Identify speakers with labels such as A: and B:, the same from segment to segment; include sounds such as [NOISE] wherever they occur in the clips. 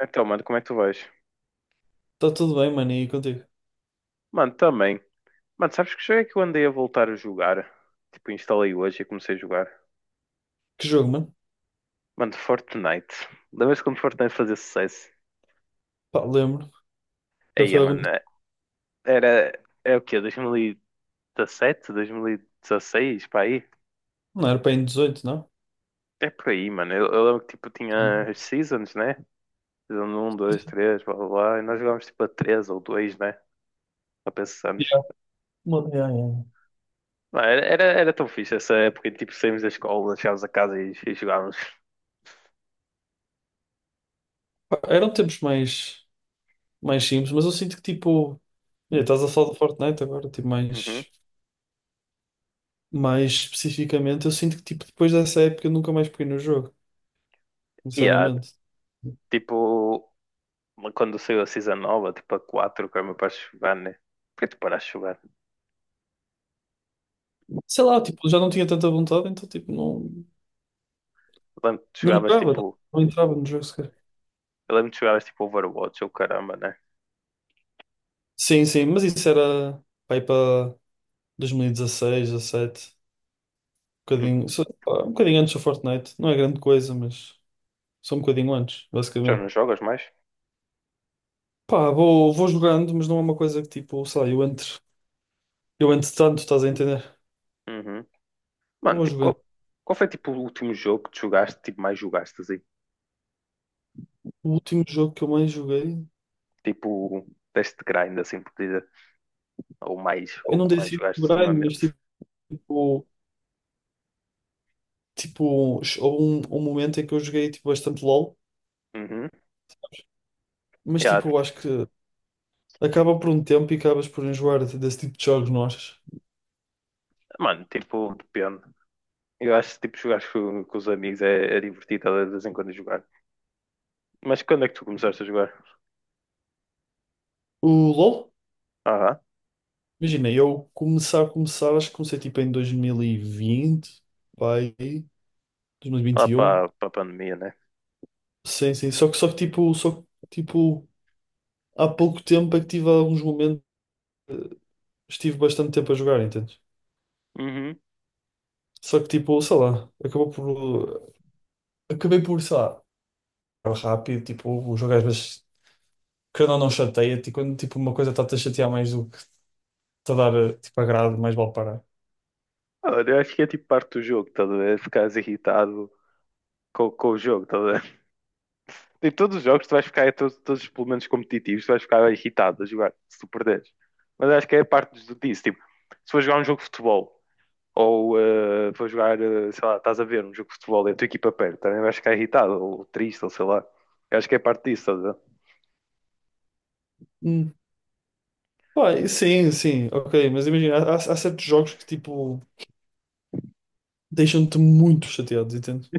A: Então, mano, como é que tu vais?
B: Está tudo bem, mano, e contigo?
A: Mano, também. Mano, sabes que jogo é que eu andei a voltar a jogar? Tipo, instalei hoje e comecei a jogar.
B: Que jogo, mano?
A: Mano, Fortnite. Lembras quando Fortnite fazia sucesso?
B: Pá, lembro. Já
A: Aí,
B: foi algum
A: mano,
B: tempo.
A: era. É o quê? 2017? 2016? Para aí?
B: Não era para em 18, não?
A: É por aí, mano. Eu lembro que, tipo, tinha as seasons, né? Season um, 2, 3, blá, blá, blá. E nós jogávamos, tipo, a 3 ou 2, né? Só pensamos.
B: Mano, yeah, yeah.
A: Mano, era tão fixe essa época. Tipo, saímos da escola, chegávamos a casa e jogávamos.
B: Pá, eram tempos mais, mais simples, mas eu sinto que tipo. Olha, estás a falar do Fortnite agora, tipo,
A: Uhum.
B: mais, mais especificamente, eu sinto que tipo, depois dessa época eu nunca mais peguei no jogo,
A: E,
B: sinceramente.
A: tipo, quando saiu a Season nova, tipo a 4 que era meu para jogar, né? Por que tu paraste de jogar?
B: Sei lá, tipo, já não tinha tanta vontade, então tipo, não,
A: Eu lembro que tu
B: não
A: jogavas
B: jogava,
A: tipo.
B: não entrava no jogo sequer.
A: Eu lembro que tu jogavas tipo Overwatch ou caramba, né?
B: Sim, sim, mas isso era, pá, aí para 2016, 17.
A: Hum.
B: Bocadinho, só- pá, um bocadinho antes do Fortnite. Não é grande coisa, mas só um bocadinho antes,
A: Já não
B: basicamente.
A: jogas mais?
B: Pá, vou jogando, mas não é uma coisa que tipo, sei lá, eu entre tanto, estás a entender?
A: Uhum. Mano,
B: Vou
A: tipo,
B: jogando.
A: qual foi tipo o último jogo que tu jogaste, tipo, mais jogaste, assim?
B: O último jogo que eu mais joguei,
A: Tipo, deste grind, assim, por dizer. Ou mais,
B: eu
A: ou
B: não
A: que
B: dei
A: mais
B: assim
A: jogaste
B: muito grind, mas
A: ultimamente.
B: tipo, tipo, houve um, um momento em que eu joguei tipo bastante LOL,
A: Uhum.
B: mas
A: Yeah.
B: tipo, eu acho que acaba por um tempo e acabas por enjoar de- desse tipo de jogos, não achas?
A: Mano, tipo, depende. Eu acho que tipo, jogar com os amigos é divertido de vez em quando jogar. Mas quando é que tu começaste a jogar?
B: O LOL, imagina, eu começar, começar, acho que comecei tipo em 2020, pá, aí.
A: Lá
B: 2021.
A: para a pandemia, né?
B: Sim, sim. Tipo, há pouco tempo é que tive alguns momentos, estive bastante tempo a jogar, entendes?
A: Uhum.
B: Só que tipo, sei lá, acabou por. Acabei por, sei lá, jogar rápido, tipo, o jogo às vezes querendo ou não chateia-te e quando tipo uma coisa está-te a chatear mais do que te a dar tipo agrado, mais vale parar.
A: Olha, eu acho que é tipo parte do jogo, tá a ver? Ficares irritado com o jogo, tá a ver? [LAUGHS] Tipo, todos os jogos tu vais ficar, todos os elementos competitivos, tu vais ficar irritado a jogar, se tu perderes. Mas acho que é parte disso, tipo, se for jogar um jogo de futebol, ou for jogar, sei lá, estás a ver um jogo de futebol e a tua equipa perde, também vais ficar irritado, ou triste, ou sei lá. Eu acho que é parte disso, estás a ver?
B: Hum. Pá, sim, sim, ok, mas imagina, há, há certos jogos que tipo. Deixam-te muito chateado, entende?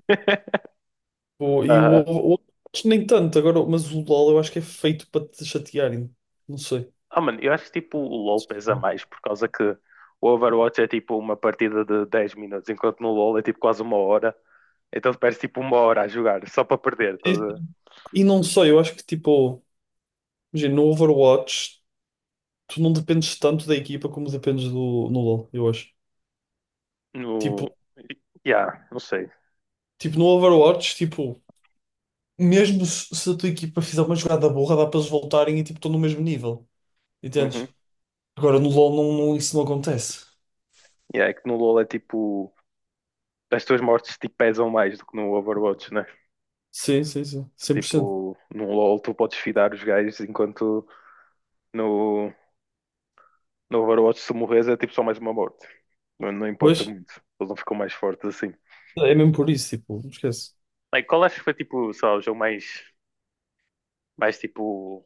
B: Pô, e o ovo, acho que nem tanto agora, mas o LOL eu acho que é feito para te chatearem. Não sei.
A: Ah, mano, eu acho que tipo o LoL pesa mais, por causa que o Overwatch é tipo uma partida de 10 minutos, enquanto no LoL é tipo quase uma hora. Então tu perdes tipo uma hora a jogar, só para perder. Tá a
B: E,
A: ver?
B: e não sei, eu acho que tipo, imagina, no Overwatch tu não dependes tanto da equipa como dependes do, no LoL, eu acho. Tipo,
A: No. Yeah, não sei.
B: tipo no Overwatch, tipo, mesmo se, se a tua equipa fizer uma jogada burra, dá para eles voltarem e tipo, estão no mesmo nível, entendes?
A: Uhum.
B: Agora no LoL não, não- isso não acontece.
A: Yeah, é que no LoL é tipo. As tuas mortes tipo, pesam mais do que no Overwatch, né?
B: Sim, sim, sim, cem por cento.
A: Tipo, no LoL tu podes fidar os gajos, enquanto no, no Overwatch se morres é tipo só mais uma morte. Não, não
B: Pois,
A: importa muito. Eles não ficam mais fortes assim.
B: é mesmo por isso, tipo, não esquece.
A: Like, qual acho que foi tipo, sei lá, o jogo mais mais tipo.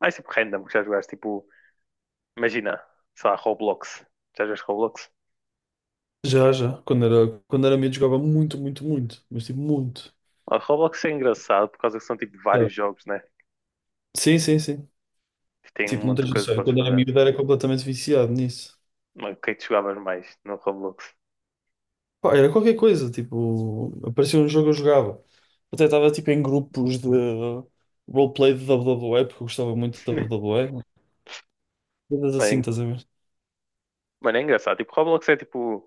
A: Mais tipo random que já jogaste. Tipo, imagina, sei lá, Roblox. Já jogaste Roblox?
B: Já, já. Quando era miúdo jogava muito, muito, muito. Mas tipo, muito.
A: Ah, Roblox é engraçado por causa que são tipo
B: Já.
A: vários jogos, né?
B: Sim, sim, sim.
A: Tem
B: Tipo,
A: um
B: não
A: monte de
B: tens
A: coisas
B: noção.
A: que
B: Eu,
A: podes
B: quando era
A: fazer.
B: miúdo era completamente viciado nisso.
A: Mas o que é que tu jogavas mais no Roblox?
B: Pá, era qualquer coisa. Tipo, aparecia um jogo eu jogava. Até estava tipo em grupos de roleplay de WWE, porque eu gostava muito de
A: [LAUGHS]
B: WWE. Coisas assim,
A: Bem,
B: estás a ver?
A: mano, é engraçado. Tipo, Roblox é tipo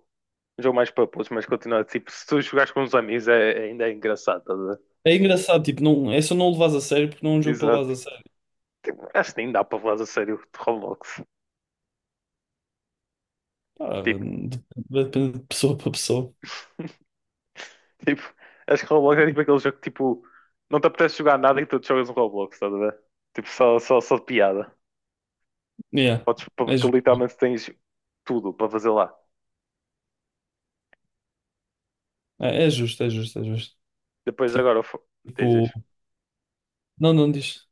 A: um jogo mais para putos, mas continua tipo, se tu jogares com uns amigos ainda é engraçado, estás a ver?
B: É engraçado, tipo, não, é só não o levas a sério porque não é um jogo para levares
A: Exato.
B: a sério.
A: Tipo, acho que nem dá para falar a sério de Roblox.
B: Pá,
A: Tipo,
B: dep- depende de pessoa para pessoa.
A: [LAUGHS] tipo, acho que Roblox é tipo aquele jogo que tipo, não te apetece jogar nada e tu te jogas um Roblox, estás a ver? Tipo, só de piada.
B: Yeah,
A: Podes,
B: é
A: porque
B: justo.
A: literalmente tens tudo para fazer lá.
B: É, é justo, é justo, é justo.
A: Depois agora, tens
B: Tipo,
A: isso.
B: não, não diz.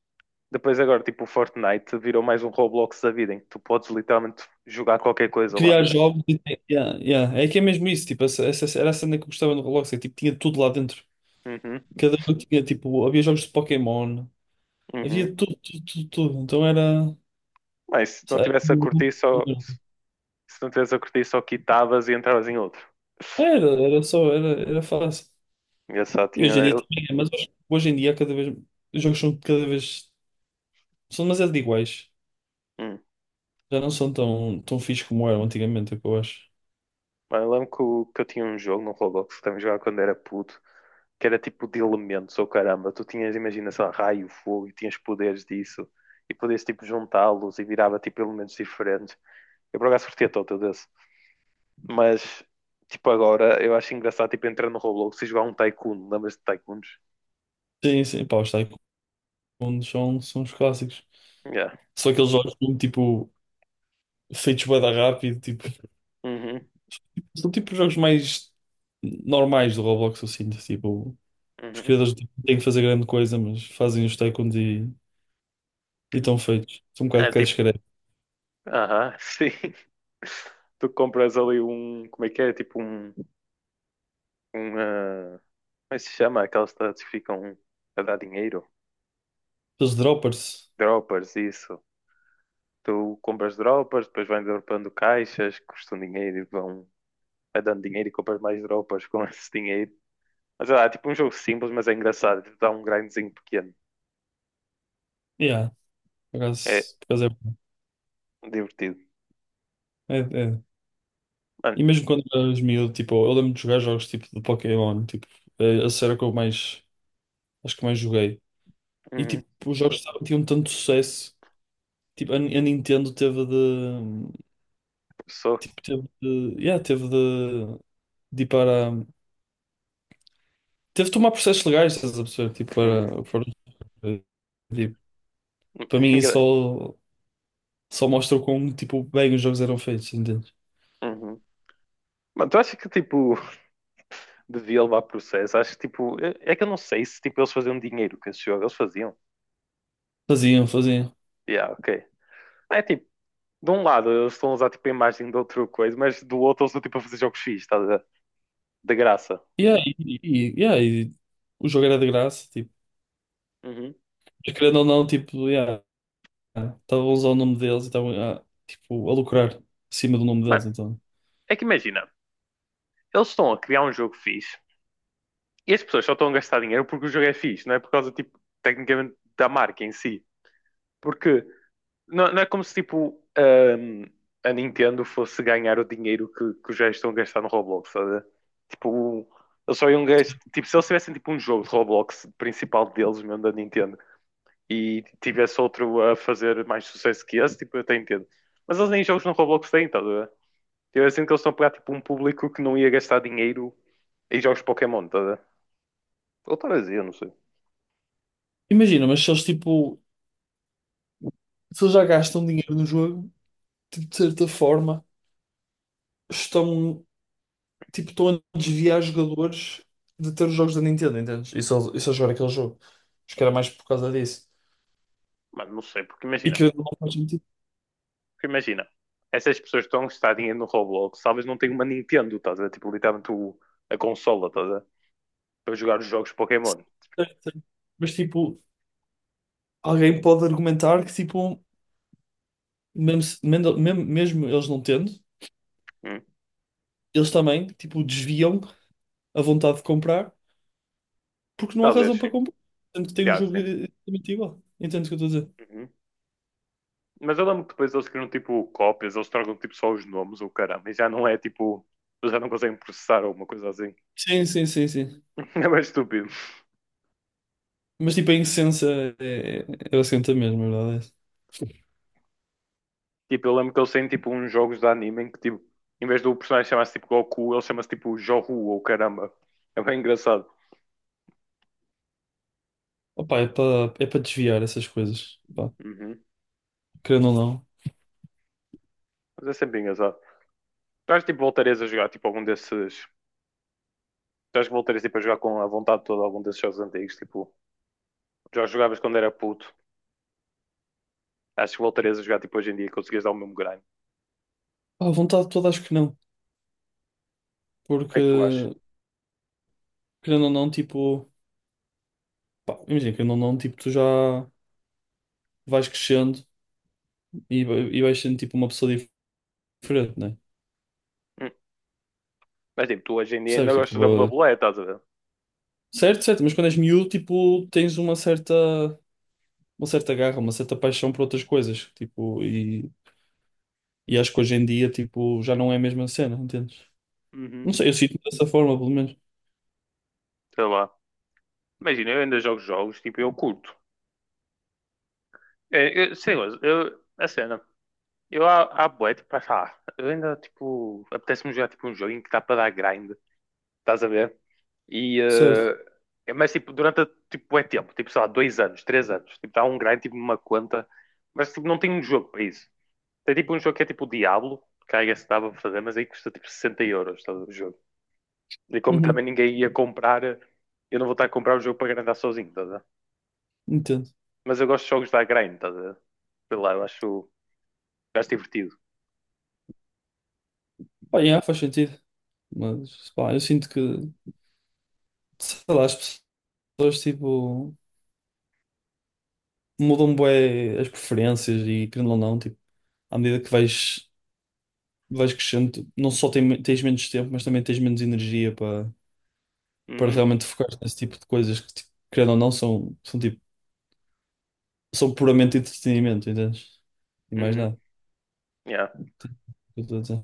A: Depois agora, tipo, o Fortnite virou mais um Roblox da vida em que tu podes literalmente jogar qualquer coisa lá.
B: Criar jogos e tem- yeah, yeah. É que é mesmo isso, tipo, essa- era a cena que eu gostava no Roblox, é, tipo, tinha tudo lá dentro.
A: Uhum,
B: Cada jogo tinha, tipo, havia jogos de Pokémon, havia
A: uhum.
B: tudo, tudo, tudo, tudo. Então era,
A: Mas se não
B: sabe,
A: tivesse a curtir só, Se não tivesse a curtir só quitavas e entravas em outro.
B: era, era só, era, era fácil.
A: Eu só
B: E
A: tinha
B: hoje em dia
A: eu,
B: também é, mas hoje, hoje em dia cada vez, os jogos são cada vez, são demasiado iguais.
A: hum.
B: Já não são tão, tão fixos como eram antigamente, é o que eu acho.
A: Mas eu lembro que, que eu tinha um jogo no Roblox que também jogava quando era puto. Que era tipo de elementos, ou caramba, tu tinhas, imagina, sei lá, raio, fogo, e tinhas poderes disso, e podias tipo juntá-los e virava tipo elementos diferentes. Eu por acaso curtia todo desse, mas tipo agora eu acho engraçado tipo entrar no Roblox e jogar um Tycoon, lembras de Tycoons?
B: Sim, sim, pá, os Tycoons são, são os clássicos.
A: Yeah.
B: Só aqueles jogos, tipo, feitos bué da rápido, tipo...
A: Uhum,
B: São tipo jogos mais normais do Roblox, eu sinto. Tipo, os
A: uhum.
B: criadores tipo, não têm que fazer grande coisa, mas fazem os tycoons e estão feitos. São um
A: É
B: bocado cash
A: tipo,
B: grab.
A: aham, sim. [LAUGHS] Tu compras ali um, como é que é? Tipo um, como é que se chama? Aquelas cidades que ficam a dar dinheiro,
B: Os droppers,
A: droppers, isso. Tu compras dropas, depois vais dropando caixas, que custam dinheiro e vão vai dando dinheiro e compras mais dropas com [LAUGHS] esse dinheiro. Mas sei lá, é tipo um jogo simples, mas é engraçado. Tipo, dá um grindzinho pequeno.
B: yeah, por
A: É
B: acaso,
A: divertido.
B: é, é- é.
A: Mano,
B: E mesmo quando eras miúdo, tipo, eu lembro de jogar jogos tipo de Pokémon, tipo, é, a série que eu mais, acho que mais joguei. E
A: uhum,
B: tipo, os jogos estavam- tinham tanto sucesso, tipo, a Nintendo teve de,
A: sou.
B: tipo, teve de, yeah, teve de ir para. Teve de tomar processos legais, estás a perceber? Tipo,
A: Uhum,
B: para, para, tipo,
A: [LAUGHS]
B: para
A: é
B: mim isso
A: engra-
B: só, só mostra o quão, tipo, bem os jogos eram feitos, entendes?
A: uhum. Mano, tu achas que tipo [LAUGHS] devia levar processo? Acho que tipo. É que eu não sei se tipo eles faziam dinheiro com esse jogo. Eles faziam.
B: Faziam, faziam.
A: Yeah, ok. É tipo, de um lado eles estão a usar tipo a imagem de outra coisa, mas do outro eles estão tipo a fazer jogos fixos, tá? De graça.
B: Yeah, yeah, e o jogo era de graça, tipo,
A: Uhum.
B: mas querendo ou não, tipo, yeah, estavam a usar o nome deles e estavam tipo, a lucrar acima do nome
A: Mano,
B: deles, então.
A: é que imagina. Eles estão a criar um jogo fixe e as pessoas só estão a gastar dinheiro porque o jogo é fixe, não é por causa, tipo, tecnicamente da marca em si. Porque não é como se, tipo, a Nintendo fosse ganhar o dinheiro que os gajos estão a gastar no Roblox, sabe? Tipo, eles só iam gastar. Tipo, se eles tivessem, tipo, um jogo de Roblox principal deles, mesmo da Nintendo, e tivesse outro a fazer mais sucesso que esse, tipo, eu até entendo. Mas eles nem jogos no Roblox têm, tá a ver? Eu sinto que eles estão a pegar, tipo, um público que não ia gastar dinheiro em jogos Pokémon, tá a ver? Ou Tarazia, não sei.
B: Imagina, mas se eles, tipo, se eles já gastam dinheiro no jogo, tipo, de certa forma, estão tipo, estão a desviar jogadores de ter os jogos da Nintendo, entendes? E só jogar aquele jogo. Acho que era mais por causa disso.
A: Mas não sei,
B: E que não faz sentido.
A: porque imagina, essas pessoas que estão a gastar dinheiro no Roblox, talvez não tenham uma Nintendo, estás a ver? Tipo, literalmente a consola, estás a ver? Para jogar os jogos Pokémon.
B: Certo, certo. Mas tipo, alguém pode argumentar que tipo, mesmo, se- mendo- mesmo, mesmo eles não tendo,
A: Hum.
B: eles também tipo, desviam a vontade de comprar porque não há
A: Talvez,
B: razão para
A: sim.
B: comprar. Tanto que tem um
A: Já,
B: jogo
A: sim.
B: exatamente igual. Entende o que eu estou a dizer?
A: Uhum. Mas eu lembro que depois eles criam, tipo, cópias, eles trocam, tipo, só os nomes, ou caramba, e já não é, tipo, eles já não conseguem processar alguma coisa assim.
B: Sim, sim, sim, sim.
A: [LAUGHS] É mais estúpido.
B: Mas tipo, a essência é, é basicamente a mesma, a verdade. É essa.
A: Tipo, eu lembro que eles têm, tipo, uns jogos de anime em que, tipo, em vez do personagem chamar-se, tipo, Goku, ele chama-se, tipo, Johu, ou caramba. É bem engraçado.
B: Opa, é para desviar essas coisas. Pá,
A: Uhum.
B: querendo ou não.
A: Mas é sempre engraçado. Tu acho tipo, voltarias a jogar tipo, algum desses. Tu acho que voltarias tipo, a jogar com a vontade toda algum desses jogos antigos? Tipo, já jogavas quando era puto. Acho que voltarias a jogar tipo, hoje em dia e conseguias dar o mesmo grind. O
B: Pá, à vontade toda acho que não.
A: que é que tu achas?
B: Porque, querendo ou não, tipo, pá, imagina, querendo ou não, tipo, tu já vais crescendo e, e vais sendo tipo uma pessoa diferente, né?
A: Hum. Mas tipo, tu hoje em dia ainda
B: Percebes? Tipo,
A: gostas da WWE, estás a ver?
B: certo, certo, mas quando és miúdo, tipo, tens uma certa. Uma certa garra, uma certa paixão por outras coisas, tipo, e acho que hoje em dia, tipo, já não é a mesma cena, entendes?
A: Uhum.
B: Não sei, eu sinto-me dessa forma, pelo menos.
A: Sei lá. Imagina, eu ainda jogo jogos, tipo, eu curto. É, eu, sei lá, eu, a cena. Eu há bué, tipo, acho, eu ainda, tipo, apetece-me jogar, tipo, um jogo em que dá para dar grind. Estás a ver? E,
B: Certo.
A: mas tipo, tipo, é tempo, tipo, sei lá, 2 anos, 3 anos, tipo, dá um grind, tipo, numa conta, mas tipo, não tem um jogo para isso. Tem tipo um jogo que é tipo o Diablo, que aí se dava para fazer, mas aí custa tipo 60 euros todo o jogo. E como
B: Uhum,
A: também ninguém ia comprar, eu não vou estar a comprar o jogo para grindar sozinho, estás a ver?
B: entendo.
A: Mas eu gosto de jogos da grind, estás a ver? Sei lá, eu acho divertido.
B: Pá, yeah, faz sentido, mas, pá, eu sinto que, sei lá, as pessoas, tipo, mudam bué as preferências e, querendo ou não, tipo, à medida que vais, vais crescendo, tu não só tem- tens menos tempo, mas também tens menos energia para para
A: Uhum,
B: realmente focar nesse tipo de coisas que, tipo, querendo ou não, são, são, tipo, são puramente entretenimento, entendes? E mais
A: uhum,
B: nada.
A: yeah.
B: Eu tô a dizer.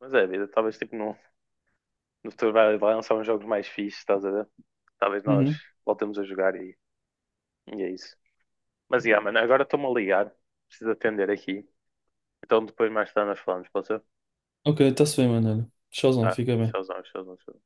A: Mas é, a vida, talvez tipo não, no futuro vai lançar uns jogos mais fixes, estás a ver? Talvez nós
B: Uhum.
A: voltemos a jogar e é isso. Mas, yeah, mano, agora estou-me a ligar. Preciso atender aqui. Então depois mais tarde nós falamos, pode ser?
B: Ok, está-se bem, mano. Olha, tchauzão,
A: Tá,
B: fica bem.
A: tchauzão, tchauzão, tchauzão.